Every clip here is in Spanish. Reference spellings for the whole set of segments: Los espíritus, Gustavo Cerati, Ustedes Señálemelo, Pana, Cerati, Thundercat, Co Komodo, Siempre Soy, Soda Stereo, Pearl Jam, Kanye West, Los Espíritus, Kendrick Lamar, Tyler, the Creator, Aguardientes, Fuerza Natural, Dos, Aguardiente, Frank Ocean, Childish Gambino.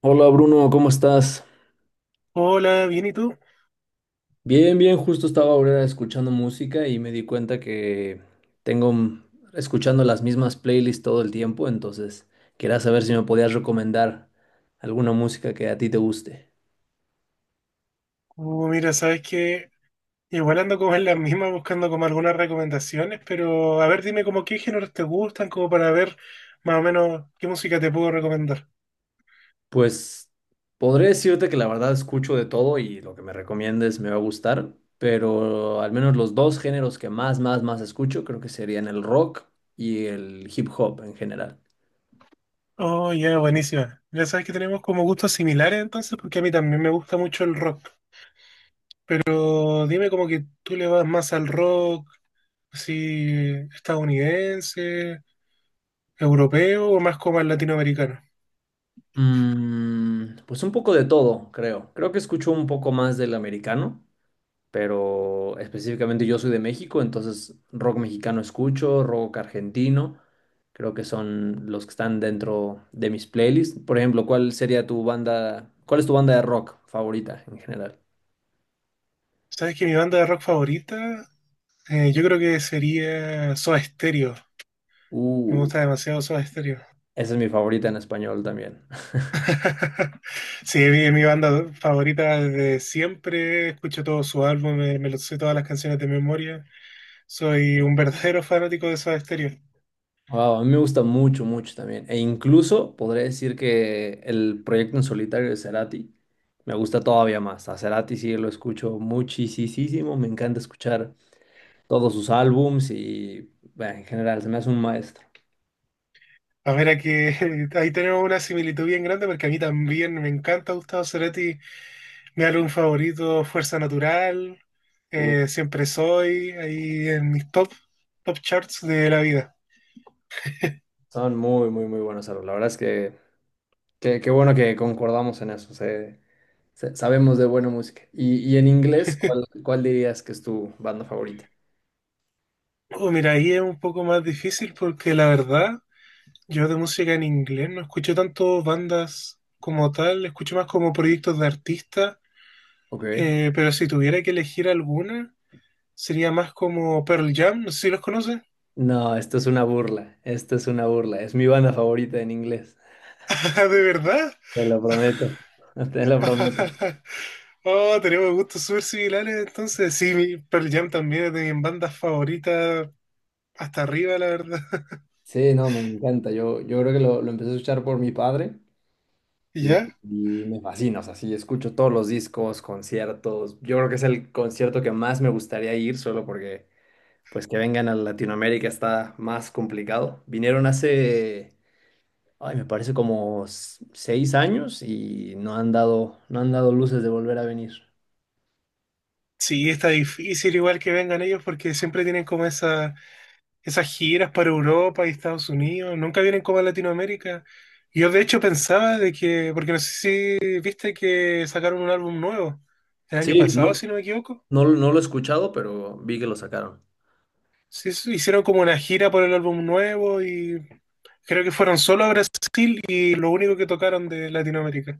Hola Bruno, ¿cómo estás? Hola, bien, ¿y tú? Bien, bien, justo estaba ahora escuchando música y me di cuenta que tengo escuchando las mismas playlists todo el tiempo, entonces quería saber si me podías recomendar alguna música que a ti te guste. Mira, sabes que igual ando como en las mismas buscando como algunas recomendaciones, pero a ver, dime como qué géneros te gustan, como para ver más o menos qué música te puedo recomendar. Pues podré decirte que la verdad escucho de todo y lo que me recomiendes me va a gustar, pero al menos los dos géneros que más escucho creo que serían el rock y el hip hop en general. Oh, ya, buenísima. Ya sabes que tenemos como gustos similares entonces, porque a mí también me gusta mucho el rock, pero dime como que tú le vas más al rock, así estadounidense, europeo o más como al latinoamericano. Pues un poco de todo, creo. Creo que escucho un poco más del americano, pero específicamente yo soy de México, entonces rock mexicano escucho, rock argentino, creo que son los que están dentro de mis playlists. Por ejemplo, ¿cuál es tu banda de rock favorita en general? Sabes que mi banda de rock favorita, yo creo que sería Soda Stereo. Me Uh, gusta demasiado Soda Stereo. Esa es mi favorita en español también. Sí, es mi banda favorita desde siempre. Escucho todo su álbum, me lo sé todas las canciones de memoria. Soy un verdadero fanático de Soda Stereo. Wow, a mí me gusta mucho también. E incluso podría decir que el proyecto en solitario de Cerati me gusta todavía más. A Cerati sí lo escucho muchísimo. Me encanta escuchar todos sus álbums y bueno, en general se me hace un maestro. A ver, aquí ahí tenemos una similitud bien grande porque a mí también me encanta Gustavo Cerati. Mi álbum favorito, Fuerza Natural, Uh, Siempre Soy, ahí en mis top charts de la vida. Son muy buenos álbumes. La verdad es que qué bueno que concordamos en eso. Sabemos de buena música. Y en inglés, ¿cuál dirías que es tu banda favorita? Oh, mira, ahí es un poco más difícil porque la verdad, yo de música en inglés no escucho tanto bandas como tal, escucho más como proyectos de artistas, Ok. Pero si tuviera que elegir alguna, sería más como Pearl Jam, no sé si los conoces. No, esto es una burla, esto es una burla, es mi banda favorita en inglés, Ah, ¿de verdad? te lo prometo, te lo prometo. Oh, tenemos gustos súper similares, entonces sí, Pearl Jam también es de mis bandas favoritas, hasta arriba, la verdad. Sí, no, me encanta, yo creo que lo empecé a escuchar por mi padre y, ¿Ya? y me fascina, o sea, sí, escucho todos los discos, conciertos, yo creo que es el concierto que más me gustaría ir solo porque pues que vengan a Latinoamérica está más complicado. Vinieron hace, ay, me parece como seis años y no han dado luces de volver a venir. Sí, está difícil igual que vengan ellos porque siempre tienen como esa… Esas giras para Europa y Estados Unidos nunca vienen como a Latinoamérica. Y yo de hecho pensaba de que, porque no sé si viste que sacaron un álbum nuevo el año Sí, pasado, no, si no me equivoco. no, no lo he escuchado, pero vi que lo sacaron. Sí, sí, hicieron como una gira por el álbum nuevo y creo que fueron solo a Brasil y lo único que tocaron de Latinoamérica.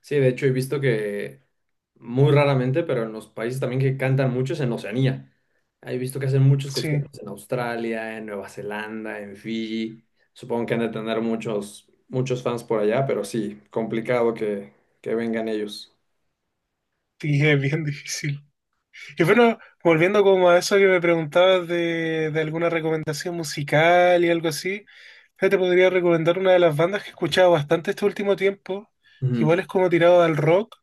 Sí, de hecho he visto que muy raramente, pero en los países también que cantan mucho es en Oceanía. He visto que hacen muchos Sí, conciertos en Australia, en Nueva Zelanda, en Fiji. Supongo que han de tener muchos fans por allá, pero sí, que vengan ellos. y es bien difícil. Y bueno, volviendo como a eso que me preguntabas de alguna recomendación musical y algo así, yo te podría recomendar una de las bandas que he escuchado bastante este último tiempo, que Ujú. igual es como tirado al rock,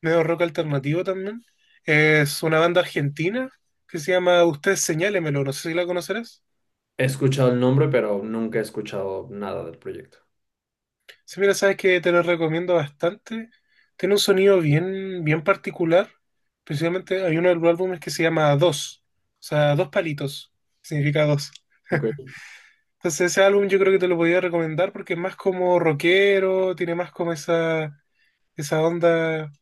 medio rock alternativo también. Es una banda argentina que se llama Ustedes Señálemelo, no sé si la conocerás. He escuchado el nombre, pero nunca he escuchado nada del proyecto. Si mira, sabes que te lo recomiendo bastante. Tiene un sonido bien particular. Precisamente hay uno de los álbumes que se llama Dos, o sea, dos palitos, significa dos. Ok. Entonces ese álbum yo creo que te lo podía recomendar porque es más como rockero, tiene más como esa onda.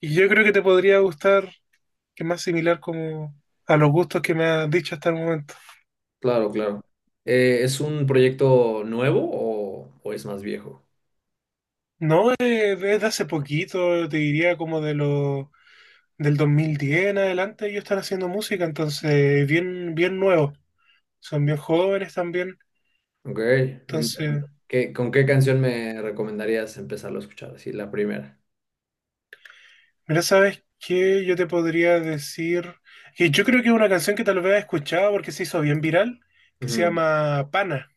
Y yo creo que te podría gustar, que es más similar como a los gustos que me has dicho hasta el momento. Claro, claro. ¿Es un proyecto nuevo o es más viejo? No, es desde hace poquito, te diría como de lo del 2010 en adelante ellos están haciendo música, entonces bien, bien nuevos. Son bien jóvenes también, Ok, entonces interesante. ¿Con qué canción me recomendarías empezarlo a escuchar? Así, la primera. mira, ¿sabes qué? Yo te podría decir que yo creo que es una canción que tal vez has escuchado porque se hizo bien viral, que se Ujú. llama Pana.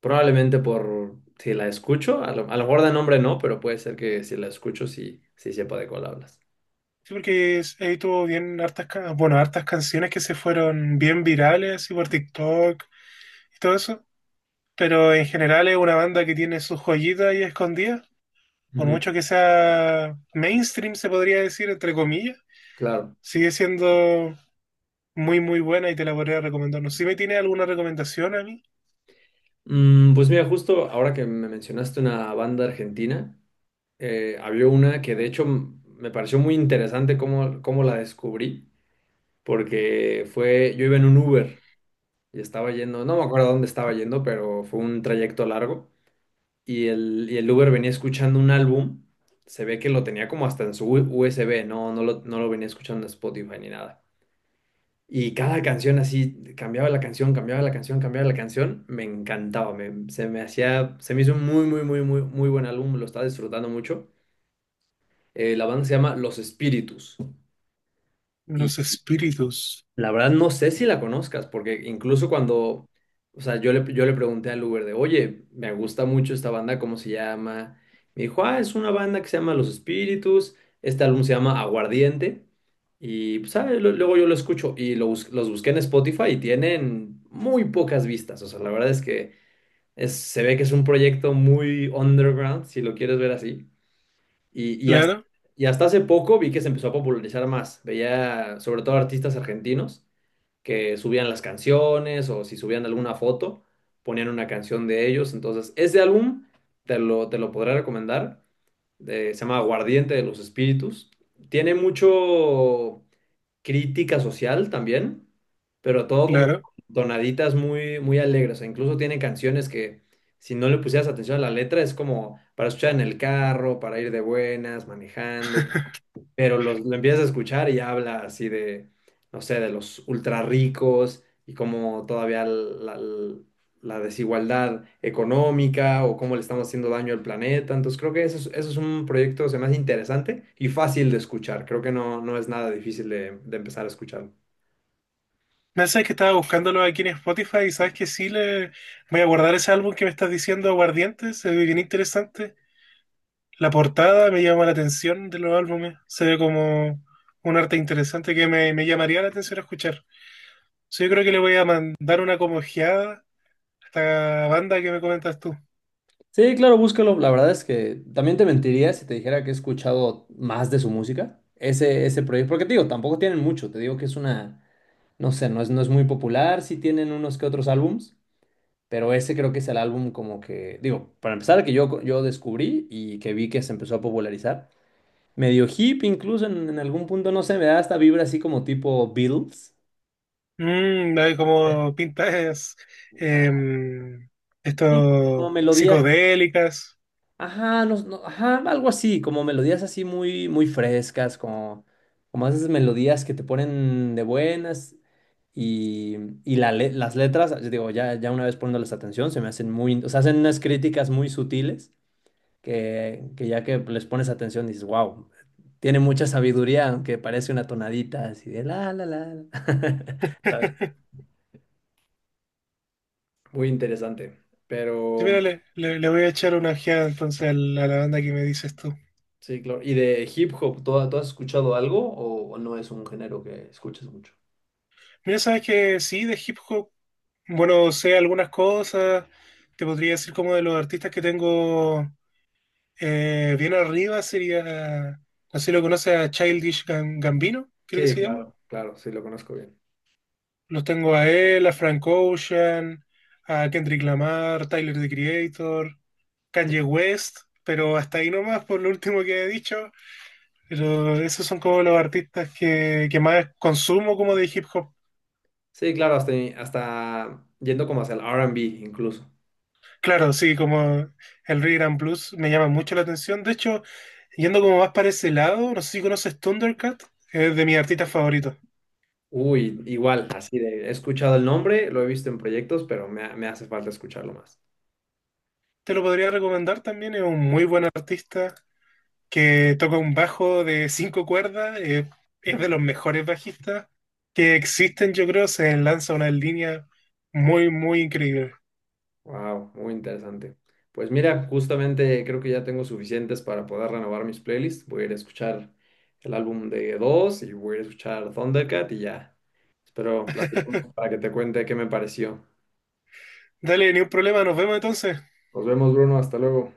Probablemente por si la escucho, a lo mejor de nombre no, pero puede ser que si la escucho sí, sí sepa de cuál hablas. Sí, porque ahí tuvo bien hartas, bueno, hartas canciones que se fueron bien virales, y por TikTok y todo eso. Pero en general es una banda que tiene sus joyitas ahí escondidas. Por Ujú, mucho que sea mainstream, se podría decir, entre comillas, claro. sigue siendo muy, muy buena y te la podría recomendar. No sé si me tiene alguna recomendación a mí. Pues mira, justo ahora que me mencionaste una banda argentina, había una que de hecho me pareció muy interesante cómo la descubrí, porque fue, yo iba en un Uber y estaba yendo, no me acuerdo a dónde estaba yendo, pero fue un trayecto largo. Y el y el Uber venía escuchando un álbum. Se ve que lo tenía como hasta en su USB, no, no lo venía escuchando en Spotify ni nada. Y cada canción así, cambiaba la canción, cambiaba la canción, cambiaba la canción, me encantaba, se me hacía, se me hizo un muy buen álbum, lo estaba disfrutando mucho. La banda se llama Los Espíritus. Los espíritus. La verdad no sé si la conozcas, porque incluso cuando, o sea, yo le pregunté al Uber de, oye, me gusta mucho esta banda, ¿cómo se llama? Me dijo, ah, es una banda que se llama Los Espíritus, este álbum se llama Aguardiente, y pues, ah, luego yo lo escucho y los busqué en Spotify y tienen muy pocas vistas, o sea, la verdad es que se ve que es un proyecto muy underground, si lo quieres ver así, y, y hasta, Claro. y hasta hace poco vi que se empezó a popularizar más, veía sobre todo artistas argentinos que subían las canciones o si subían alguna foto, ponían una canción de ellos. Entonces, ese álbum te lo podré recomendar. Se llama Aguardiente de los Espíritus. Tiene mucho crítica social también, pero todo como Claro. tonaditas muy alegres. E incluso tiene canciones que si no le pusieras atención a la letra es como para escuchar en el carro, para ir de buenas, manejando, pero lo empiezas a escuchar y habla así de, no sé, de los ultra ricos y cómo todavía desigualdad económica o cómo le estamos haciendo daño al planeta. Entonces creo que eso es un proyecto, se me hace interesante y fácil de escuchar. Creo que no, no es nada difícil de empezar a escuchar. Me sabes que estaba buscándolo aquí en Spotify y sabes que sí le voy a guardar ese álbum que me estás diciendo, Aguardientes, se ve bien interesante. La portada me llama la atención de los álbumes, se ve como un arte interesante que me llamaría la atención a escuchar. Sí, yo creo que le voy a mandar una como ojeada a esta banda que me comentas tú. Sí, claro, búscalo. La verdad es que también te mentiría si te dijera que he escuchado más de su música. Ese proyecto, porque te digo, tampoco tienen mucho. Te digo que es una, no sé, no es muy popular. Sí tienen unos que otros álbums, pero ese creo que es el álbum como que, digo, para empezar, que yo descubrí y que vi que se empezó a popularizar. Medio hip, incluso en algún punto, no sé, me da esta vibra así como tipo Beatles. Mm, hay como pintas em, Sí, como estos melodías, psicodélicas. ajá, no, no, ajá, algo así, como melodías así muy frescas, como, como esas melodías que te ponen de buenas y, y las letras, yo digo, ya una vez poniéndoles atención, se me hacen muy, o sea, hacen unas críticas muy sutiles que ya que les pones atención dices, wow, tiene mucha sabiduría, aunque parece una tonadita así de la, la, la. la". Ah, muy interesante. Sí, Pero mira, le voy a echar una ojeada entonces a la banda que me dices tú. sí, claro. ¿Y de hip hop, ¿tú has escuchado algo o no es un género que escuches mucho? Mira, sabes que sí, de hip hop, bueno, sé algunas cosas, te podría decir como de los artistas que tengo bien arriba, sería, no sé si lo conoces a Gambino, creo que Sí, se llama. claro, claro, sí lo conozco bien. Los tengo a él, a Frank Ocean, a Kendrick Lamar, Tyler, the Creator, Kanye West, pero hasta ahí nomás por lo último que he dicho, pero esos son como los artistas que más consumo como de hip hop. Sí, claro, hasta yendo como hacia el R&B incluso. Claro, sí, como el Regram blues me llama mucho la atención. De hecho, yendo como más para ese lado, no sé si conoces Thundercat, es de mis artistas favoritos. Uy, igual, así de, he escuchado el nombre, lo he visto en proyectos, pero me hace falta escucharlo más. Te lo podría recomendar también, es un muy buen artista que toca un bajo de 5 cuerdas, es de los mejores bajistas que existen, yo creo, se lanza una línea muy, muy increíble. Wow, muy interesante. Pues mira, justamente creo que ya tengo suficientes para poder renovar mis playlists. Voy a ir a escuchar el álbum de Dos y voy a ir a escuchar Thundercat y ya. Espero platicamos para que te cuente qué me pareció. Dale, ni un problema, nos vemos entonces. Nos vemos, Bruno. Hasta luego.